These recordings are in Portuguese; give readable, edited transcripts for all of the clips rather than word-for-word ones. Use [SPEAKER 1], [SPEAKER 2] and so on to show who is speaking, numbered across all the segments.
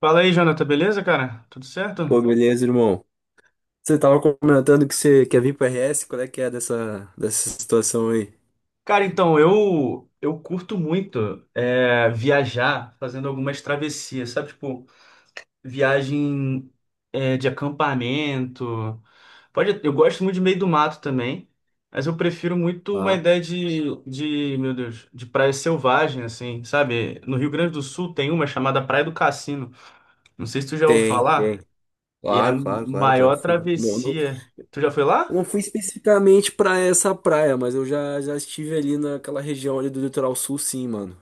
[SPEAKER 1] Fala aí, Jonathan, beleza, cara? Tudo
[SPEAKER 2] Pô,
[SPEAKER 1] certo?
[SPEAKER 2] beleza, irmão. Você tava comentando que você quer vir pro RS, qual é que é dessa situação aí?
[SPEAKER 1] Cara, então, eu curto muito viajar fazendo algumas travessias, sabe? Tipo, viagem de acampamento. Pode, eu gosto muito de meio do mato também, mas eu prefiro muito uma
[SPEAKER 2] Ah,
[SPEAKER 1] ideia meu Deus, de praia selvagem, assim, sabe? No Rio Grande do Sul tem uma chamada Praia do Cassino. Não sei se tu já ouviu
[SPEAKER 2] tem,
[SPEAKER 1] falar,
[SPEAKER 2] tem.
[SPEAKER 1] e é a
[SPEAKER 2] Claro, claro, claro, já
[SPEAKER 1] maior
[SPEAKER 2] fui. Não, não,
[SPEAKER 1] travessia. Tu já foi
[SPEAKER 2] eu
[SPEAKER 1] lá?
[SPEAKER 2] não fui especificamente pra essa praia, mas eu já estive ali naquela região ali do litoral sul, sim, mano.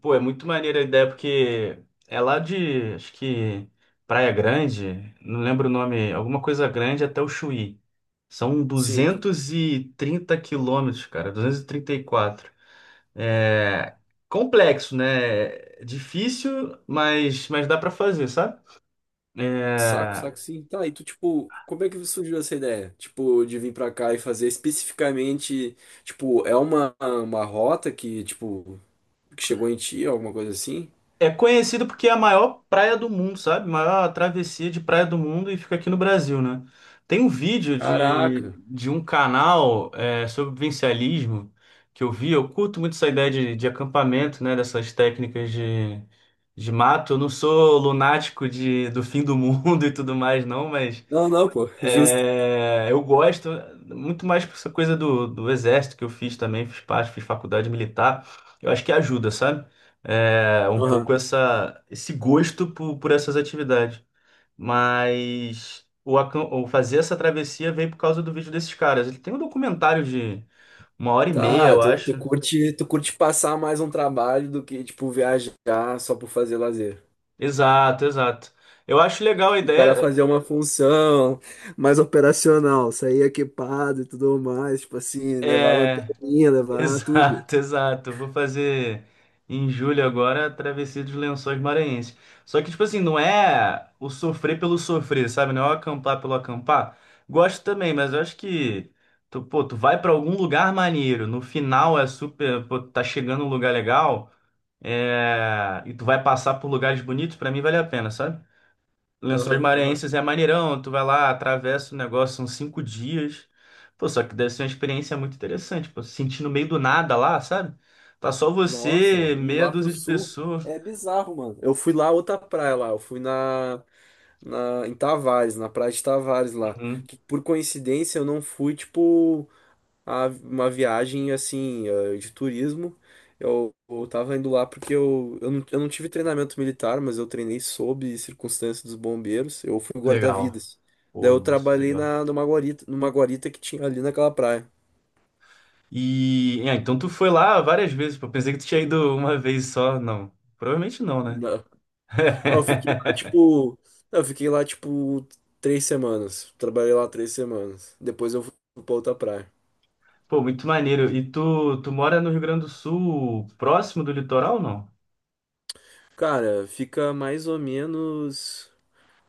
[SPEAKER 1] Pô, é muito maneira a ideia, porque é lá de, acho que, Praia Grande, não lembro o nome, alguma coisa grande até o Chuí. São
[SPEAKER 2] Sim,
[SPEAKER 1] 230 quilômetros, cara, duzentos e trinta e quatro. É complexo, né? É difícil, mas dá pra fazer, sabe?
[SPEAKER 2] saco,
[SPEAKER 1] É,
[SPEAKER 2] saco, sim. Tá, e tu, tipo, como é que surgiu essa ideia? Tipo, de vir pra cá e fazer especificamente, tipo, é uma rota que, tipo, que chegou em ti, alguma coisa assim?
[SPEAKER 1] É conhecido porque é a maior praia do mundo, sabe? Maior travessia de praia do mundo e fica aqui no Brasil, né? Tem um vídeo de,
[SPEAKER 2] Caraca.
[SPEAKER 1] de um canal sobre vivencialismo que eu vi. Eu curto muito essa ideia de acampamento, né? Dessas técnicas de mato. Eu não sou lunático de, do fim do mundo e tudo mais, não, mas
[SPEAKER 2] Não, não, pô, justo.
[SPEAKER 1] eu gosto muito mais por essa coisa do exército que eu fiz também, fiz parte, fiz faculdade militar. Eu acho que ajuda, sabe? É, um pouco
[SPEAKER 2] Aham.
[SPEAKER 1] essa, esse gosto por essas atividades. Mas o fazer essa travessia veio por causa do vídeo desses caras. Ele tem um documentário de uma hora e meia,
[SPEAKER 2] Tá,
[SPEAKER 1] eu
[SPEAKER 2] tu, tu
[SPEAKER 1] acho.
[SPEAKER 2] curte, tu curte passar mais um trabalho do que, tipo, viajar só por fazer lazer.
[SPEAKER 1] Exato, exato. Eu acho legal a
[SPEAKER 2] Tipo, o cara
[SPEAKER 1] ideia.
[SPEAKER 2] fazer uma função mais operacional, sair equipado e tudo mais, tipo assim, levar
[SPEAKER 1] é,
[SPEAKER 2] lanterninha, levar tudo.
[SPEAKER 1] Exato, exato. Vou fazer em julho agora a travessia dos Lençóis Maranhenses. Só que, tipo assim, não é o sofrer pelo sofrer, sabe? Não é o acampar pelo acampar. Gosto também, mas eu acho que tu, pô, tu vai pra algum lugar maneiro. No final é super, pô, tá chegando um lugar legal, e tu vai passar por lugares bonitos, pra mim vale a pena, sabe? Lençóis
[SPEAKER 2] Aham, aham.
[SPEAKER 1] Maranhenses é maneirão, tu vai lá, atravessa o negócio, são cinco dias. Pô, só que deve ser uma experiência muito interessante, pô, se sentir no meio do nada lá, sabe? Tá só
[SPEAKER 2] Nossa,
[SPEAKER 1] você,
[SPEAKER 2] mano. E
[SPEAKER 1] meia
[SPEAKER 2] lá pro
[SPEAKER 1] dúzia de
[SPEAKER 2] sul
[SPEAKER 1] pessoas.
[SPEAKER 2] é bizarro, mano. Eu fui lá outra praia lá, eu fui na, em Tavares, na praia de Tavares lá,
[SPEAKER 1] Uhum,
[SPEAKER 2] que por coincidência eu não fui, tipo, uma viagem assim de turismo. Eu tava indo lá porque eu, não, eu não tive treinamento militar, mas eu treinei sob circunstância dos bombeiros. Eu fui
[SPEAKER 1] legal.
[SPEAKER 2] guarda-vidas. Daí
[SPEAKER 1] Pô,
[SPEAKER 2] eu
[SPEAKER 1] nossa,
[SPEAKER 2] trabalhei
[SPEAKER 1] legal.
[SPEAKER 2] numa guarita que tinha ali naquela praia.
[SPEAKER 1] E, é, então tu foi lá várias vezes, pô, pensei que tu tinha ido uma vez só, não. Provavelmente não, né?
[SPEAKER 2] Não. Eu fiquei lá tipo. Eu fiquei lá tipo 3 semanas. Trabalhei lá 3 semanas. Depois eu fui pra outra praia.
[SPEAKER 1] Pô, muito maneiro. E tu, tu mora no Rio Grande do Sul, próximo do litoral, ou não?
[SPEAKER 2] Cara, fica mais ou menos.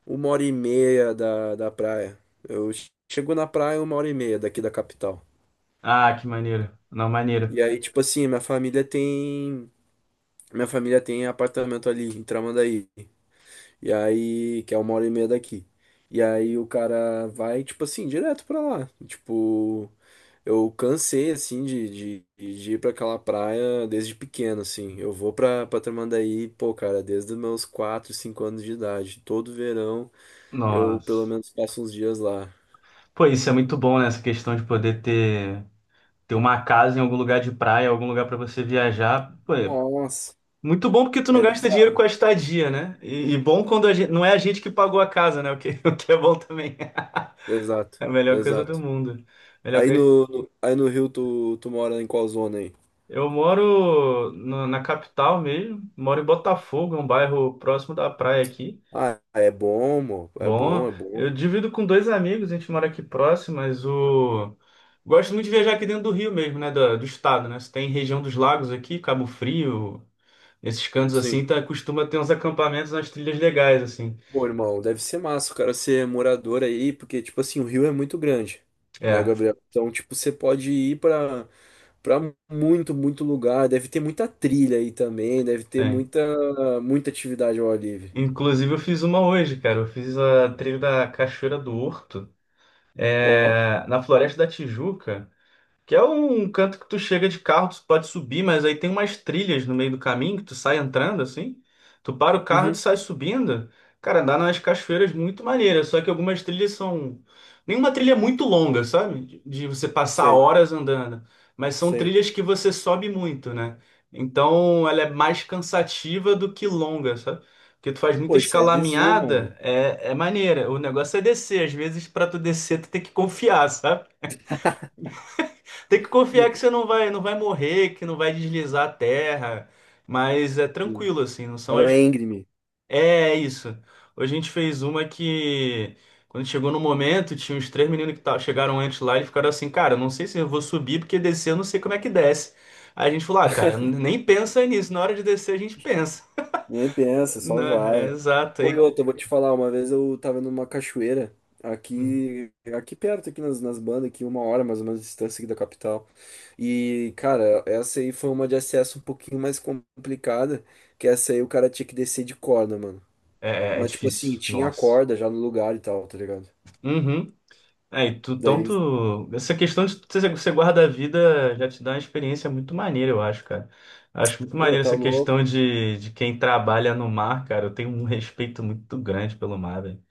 [SPEAKER 2] uma hora e meia da praia. Eu chego na praia uma hora e meia daqui da capital.
[SPEAKER 1] Ah, que maneiro. Não, maneiro.
[SPEAKER 2] E aí, tipo assim, minha família tem apartamento ali em Tramandaí. E aí, que é uma hora e meia daqui. E aí o cara vai, tipo assim, direto pra lá. Tipo, eu cansei, assim, de ir pra aquela praia desde pequeno, assim. Eu vou pra Tramandaí, pô, cara, desde os meus 4 5 anos de idade. Todo verão eu, pelo
[SPEAKER 1] Nossa.
[SPEAKER 2] menos, passo uns dias lá.
[SPEAKER 1] Pô, isso é muito bom, né? Essa questão de poder ter, ter uma casa em algum lugar de praia, algum lugar pra você viajar. Pô, é
[SPEAKER 2] Nossa,
[SPEAKER 1] muito bom porque tu não
[SPEAKER 2] é
[SPEAKER 1] gasta dinheiro com
[SPEAKER 2] bizarro.
[SPEAKER 1] a estadia, né? E bom quando a gente, não é a gente que pagou a casa, né? O que, o que é bom também.
[SPEAKER 2] Exato,
[SPEAKER 1] É a melhor coisa do
[SPEAKER 2] exato.
[SPEAKER 1] mundo. Melhor
[SPEAKER 2] Aí
[SPEAKER 1] coisa.
[SPEAKER 2] no Rio tu mora em qual zona aí?
[SPEAKER 1] Eu moro na capital mesmo, moro em Botafogo, é um bairro próximo da praia aqui.
[SPEAKER 2] Ah, é bom, é
[SPEAKER 1] Bom,
[SPEAKER 2] bom, é bom.
[SPEAKER 1] eu divido com dois amigos, a gente mora aqui próximo, mas o. Gosto muito de viajar aqui dentro do Rio mesmo, né? Do estado, né? Você tem região dos lagos aqui, Cabo Frio, esses cantos
[SPEAKER 2] Sim.
[SPEAKER 1] assim, tá, costuma ter uns acampamentos nas trilhas legais, assim.
[SPEAKER 2] Pô, irmão, deve ser massa o cara ser morador aí, porque, tipo assim, o Rio é muito grande, né,
[SPEAKER 1] É,
[SPEAKER 2] Gabriel? Então, tipo, você pode ir pra muito, muito lugar. Deve ter muita trilha aí também, deve ter
[SPEAKER 1] tem.
[SPEAKER 2] muita, muita atividade ao ar livre.
[SPEAKER 1] Inclusive eu fiz uma hoje, cara. Eu fiz a trilha da Cachoeira do Horto,
[SPEAKER 2] Ó,
[SPEAKER 1] na Floresta da Tijuca. Que é um canto que tu chega de carro, tu pode subir, mas aí tem umas trilhas no meio do caminho que tu sai entrando assim. Tu para o carro e tu
[SPEAKER 2] uhum,
[SPEAKER 1] sai subindo. Cara, andar nas cachoeiras muito maneira, só que algumas trilhas são. Nenhuma trilha é muito longa, sabe? De você passar
[SPEAKER 2] sei,
[SPEAKER 1] horas andando. Mas são
[SPEAKER 2] sei.
[SPEAKER 1] trilhas que você sobe muito, né? Então ela é mais cansativa do que longa, sabe? Porque tu faz muita
[SPEAKER 2] Pô, isso é bizu,
[SPEAKER 1] escalaminhada,
[SPEAKER 2] mano.
[SPEAKER 1] é, é maneira. O negócio é descer. Às vezes, para tu descer, tu tem que confiar, sabe? Tem que confiar que você não vai, não vai morrer, que não vai deslizar a terra, mas é
[SPEAKER 2] Sim.
[SPEAKER 1] tranquilo assim, não são
[SPEAKER 2] Ela é
[SPEAKER 1] as.
[SPEAKER 2] íngreme.
[SPEAKER 1] É é isso. Hoje a gente fez uma que quando chegou no momento, tinha uns três meninos que chegaram antes lá e ficaram assim, cara, não sei se eu vou subir porque descer eu não sei como é que desce. Aí a gente falou, ah, cara, nem pensa nisso, na hora de descer a gente pensa.
[SPEAKER 2] Nem pensa, só
[SPEAKER 1] Não, é
[SPEAKER 2] vai.
[SPEAKER 1] exato,
[SPEAKER 2] Pô, e
[SPEAKER 1] aí
[SPEAKER 2] outra, eu vou te falar, uma vez eu tava numa cachoeira,
[SPEAKER 1] hum,
[SPEAKER 2] aqui, aqui perto, aqui nas bandas, aqui uma hora mais ou menos de distância aqui da capital. E, cara, essa aí foi uma de acesso um pouquinho mais complicada, que essa aí o cara tinha que descer de corda, mano.
[SPEAKER 1] é, é
[SPEAKER 2] Mas, tipo assim,
[SPEAKER 1] difícil,
[SPEAKER 2] tinha a
[SPEAKER 1] nossa.
[SPEAKER 2] corda já no lugar e tal, tá ligado?
[SPEAKER 1] Uhum. É, e tu,
[SPEAKER 2] Daí eles,
[SPEAKER 1] tanto. Essa questão de você guarda a vida já te dá uma experiência muito maneira, eu acho, cara. Acho muito
[SPEAKER 2] pô,
[SPEAKER 1] maneiro
[SPEAKER 2] tá
[SPEAKER 1] essa questão
[SPEAKER 2] louco.
[SPEAKER 1] de quem trabalha no mar, cara. Eu tenho um respeito muito grande pelo mar, velho.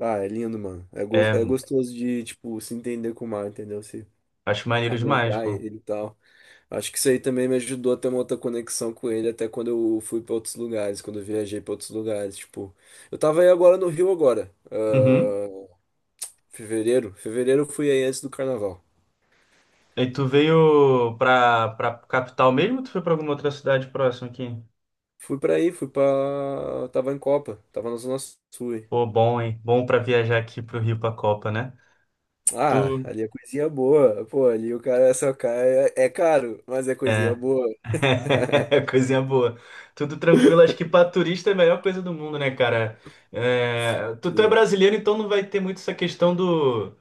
[SPEAKER 2] Ah, é lindo, mano. É, é
[SPEAKER 1] É,
[SPEAKER 2] gostoso de, tipo, se entender com o mar, entendeu? Se
[SPEAKER 1] acho maneiro demais,
[SPEAKER 2] adentrar
[SPEAKER 1] pô.
[SPEAKER 2] ele e tal. Acho que isso aí também me ajudou a ter uma outra conexão com ele, até quando eu fui para outros lugares, quando eu viajei para outros lugares, tipo, eu tava aí agora no Rio agora,
[SPEAKER 1] Uhum.
[SPEAKER 2] fevereiro eu fui aí antes do carnaval.
[SPEAKER 1] E tu veio pra capital mesmo ou tu foi pra alguma outra cidade próxima aqui?
[SPEAKER 2] Fui pra aí, fui pra. Tava em Copa, tava na Zona Sul aí.
[SPEAKER 1] Pô, bom, hein? Bom pra viajar aqui pro Rio pra Copa, né?
[SPEAKER 2] Ah,
[SPEAKER 1] Tu.
[SPEAKER 2] ali é coisinha boa, pô, ali o cara é só cai, é caro, mas é coisinha
[SPEAKER 1] É.
[SPEAKER 2] boa.
[SPEAKER 1] Coisinha boa. Tudo tranquilo. Acho que pra turista é a melhor coisa do mundo, né, cara? É, tu é
[SPEAKER 2] Sim.
[SPEAKER 1] brasileiro, então não vai ter muito essa questão do,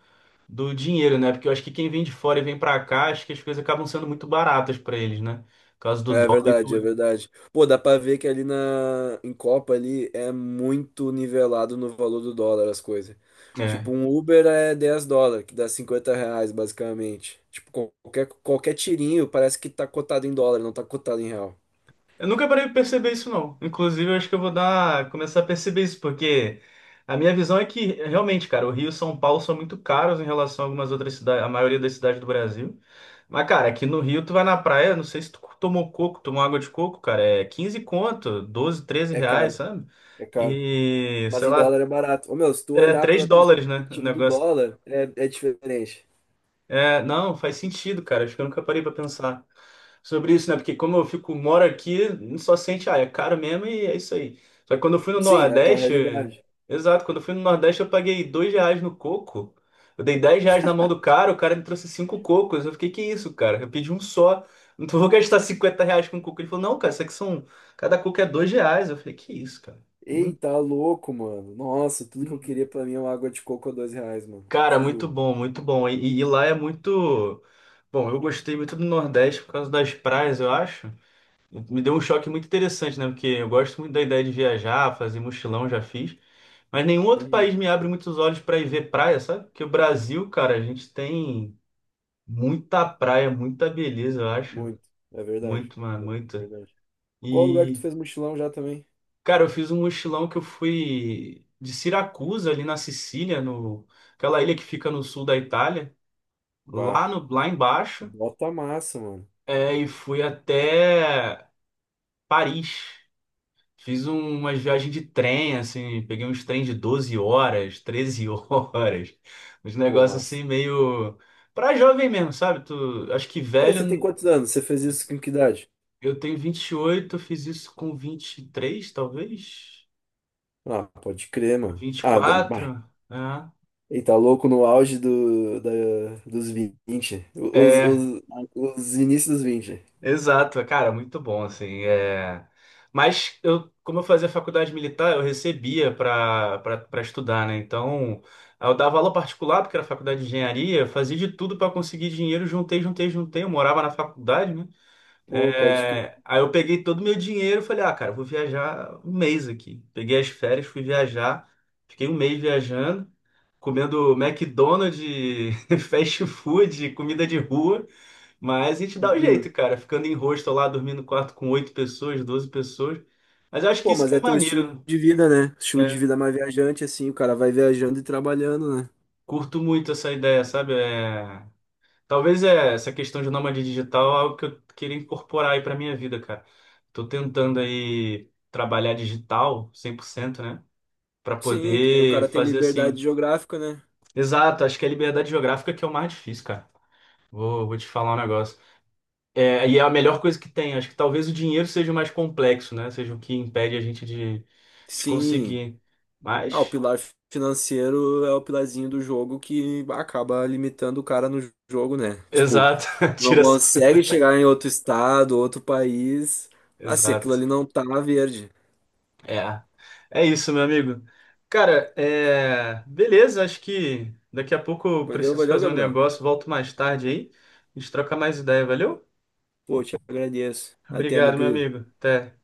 [SPEAKER 1] do dinheiro, né? Porque eu acho que quem vem de fora e vem pra, cá, acho que as coisas acabam sendo muito baratas pra eles, né? Por causa do
[SPEAKER 2] É
[SPEAKER 1] dólar e
[SPEAKER 2] verdade, é
[SPEAKER 1] do...
[SPEAKER 2] verdade. Pô, dá pra ver que ali na em Copa ali é muito nivelado no valor do dólar as coisas. Tipo, um Uber é US$ 10, que dá R$ 50 basicamente. Tipo, qualquer tirinho parece que tá cotado em dólar, não tá cotado em real.
[SPEAKER 1] Eu nunca parei de perceber isso, não. Inclusive, eu acho que eu vou dar, começar a perceber isso, porque a minha visão é que, realmente, cara, o Rio e São Paulo são muito caros em relação a algumas outras cidades, a maioria das cidades do Brasil. Mas, cara, aqui no Rio, tu vai na praia, não sei se tu tomou coco, tomou água de coco, cara, é 15 conto, 12 13
[SPEAKER 2] É
[SPEAKER 1] reais,
[SPEAKER 2] caro,
[SPEAKER 1] sabe?
[SPEAKER 2] é caro.
[SPEAKER 1] E,
[SPEAKER 2] Mas
[SPEAKER 1] sei
[SPEAKER 2] em
[SPEAKER 1] lá,
[SPEAKER 2] dólar é barato. Ô, meu, se tu
[SPEAKER 1] é
[SPEAKER 2] olhar
[SPEAKER 1] 3
[SPEAKER 2] pela
[SPEAKER 1] dólares, né? O
[SPEAKER 2] perspectiva do
[SPEAKER 1] negócio
[SPEAKER 2] dólar, é diferente.
[SPEAKER 1] é, não, faz sentido, cara. Acho que eu nunca parei pra pensar sobre isso, né? Porque como eu fico, moro aqui, só sente, ah, é caro mesmo e é isso aí. Só que quando eu fui no
[SPEAKER 2] Sim, é a tua
[SPEAKER 1] Nordeste,
[SPEAKER 2] realidade.
[SPEAKER 1] exato, quando eu fui no Nordeste eu paguei R$ 2 no coco. Eu dei R$ 10 na mão do cara, o cara me trouxe cinco cocos. Eu fiquei, que isso, cara? Eu pedi um só. Não vou gastar R$ 50 com coco. Ele falou, não, cara, isso aqui são. Cada coco é R$ 2. Eu falei, que isso, cara?
[SPEAKER 2] Eita, louco, mano. Nossa, tudo que eu
[SPEAKER 1] Hum.
[SPEAKER 2] queria pra mim é uma água de coco a R$ 2, mano.
[SPEAKER 1] Cara,
[SPEAKER 2] Te
[SPEAKER 1] muito
[SPEAKER 2] juro.
[SPEAKER 1] bom, muito bom. E lá é muito. Bom, eu gostei muito do Nordeste por causa das praias, eu acho. Me deu um choque muito interessante, né? Porque eu gosto muito da ideia de viajar, fazer mochilão, já fiz. Mas nenhum outro
[SPEAKER 2] Uhum.
[SPEAKER 1] país me abre muitos olhos para ir ver praia, sabe? Porque o Brasil, cara, a gente tem muita praia, muita beleza, eu acho.
[SPEAKER 2] Muito. É verdade.
[SPEAKER 1] Muito, mano,
[SPEAKER 2] É
[SPEAKER 1] muita.
[SPEAKER 2] verdade. Qual lugar que tu
[SPEAKER 1] E,
[SPEAKER 2] fez mochilão já também?
[SPEAKER 1] cara, eu fiz um mochilão que eu fui de Siracusa, ali na Sicília, no... aquela ilha que fica no sul da Itália
[SPEAKER 2] Bah.
[SPEAKER 1] lá no lá embaixo.
[SPEAKER 2] Bota massa, mano.
[SPEAKER 1] É, e fui até Paris. Fiz umas viagens de trem, assim, peguei uns trens de 12 horas, 13 horas, uns
[SPEAKER 2] Pô,
[SPEAKER 1] negócios
[SPEAKER 2] massa.
[SPEAKER 1] assim meio pra jovem mesmo, sabe? Tu, acho que
[SPEAKER 2] Tá, e você tem
[SPEAKER 1] velho,
[SPEAKER 2] quantos anos? Você fez isso com que idade?
[SPEAKER 1] eu tenho 28 eu fiz isso com 23 talvez,
[SPEAKER 2] Ah, pode crer, mano.
[SPEAKER 1] vinte e
[SPEAKER 2] Ah, bah.
[SPEAKER 1] quatro né?
[SPEAKER 2] Ele tá louco no auge dos vinte. Os,
[SPEAKER 1] É,
[SPEAKER 2] os, os inícios dos vinte.
[SPEAKER 1] exato, cara, muito bom, assim, é... Mas eu, como eu fazia faculdade militar, eu recebia para estudar, né? Então, eu dava aula particular, porque era faculdade de engenharia, fazia de tudo para conseguir dinheiro, juntei, juntei, juntei, eu morava na faculdade, né?
[SPEAKER 2] Pô, pode crer.
[SPEAKER 1] É, aí eu peguei todo o meu dinheiro e falei, ah, cara, eu vou viajar um mês aqui. Peguei as férias, fui viajar, fiquei um mês viajando, comendo McDonald's, fast food, comida de rua, mas a gente dá o
[SPEAKER 2] Uhum.
[SPEAKER 1] jeito, cara. Ficando em hostel lá, dormindo no quarto com oito pessoas, 12 pessoas. Mas eu acho que
[SPEAKER 2] Pô,
[SPEAKER 1] isso
[SPEAKER 2] mas
[SPEAKER 1] que
[SPEAKER 2] é
[SPEAKER 1] é
[SPEAKER 2] teu estilo
[SPEAKER 1] maneiro.
[SPEAKER 2] de vida, né? Estilo de
[SPEAKER 1] Né?
[SPEAKER 2] vida mais viajante, assim. O cara vai viajando e trabalhando, né?
[SPEAKER 1] Curto muito essa ideia, sabe? É... Talvez é, essa questão de nômade digital é algo que eu queria incorporar aí pra minha vida, cara. Tô tentando aí trabalhar digital 100%, né? Pra
[SPEAKER 2] Sim, que daí o
[SPEAKER 1] poder
[SPEAKER 2] cara tem
[SPEAKER 1] fazer
[SPEAKER 2] liberdade
[SPEAKER 1] assim.
[SPEAKER 2] geográfica, né?
[SPEAKER 1] Exato, acho que é a liberdade geográfica que é o mais difícil, cara. Vou te falar um negócio. É, e é a melhor coisa que tem. Acho que talvez o dinheiro seja o mais complexo, né? Seja o que impede a gente de
[SPEAKER 2] Sim.
[SPEAKER 1] conseguir.
[SPEAKER 2] Ah, o
[SPEAKER 1] Mas,
[SPEAKER 2] pilar financeiro é o pilarzinho do jogo que acaba limitando o cara no jogo, né? Tipo,
[SPEAKER 1] exato,
[SPEAKER 2] não
[SPEAKER 1] tira. Essa-
[SPEAKER 2] consegue chegar em outro estado, outro país. Ah, se aquilo
[SPEAKER 1] Exato.
[SPEAKER 2] ali não tá verde.
[SPEAKER 1] É. É isso, meu amigo. Cara, é... beleza, acho que daqui a pouco eu
[SPEAKER 2] Valeu,
[SPEAKER 1] preciso
[SPEAKER 2] valeu,
[SPEAKER 1] fazer um
[SPEAKER 2] Gabriel.
[SPEAKER 1] negócio, volto mais tarde aí. A gente troca mais ideia, valeu?
[SPEAKER 2] Pô, te agradeço. Até, meu
[SPEAKER 1] Obrigado, meu
[SPEAKER 2] querido.
[SPEAKER 1] amigo. Até.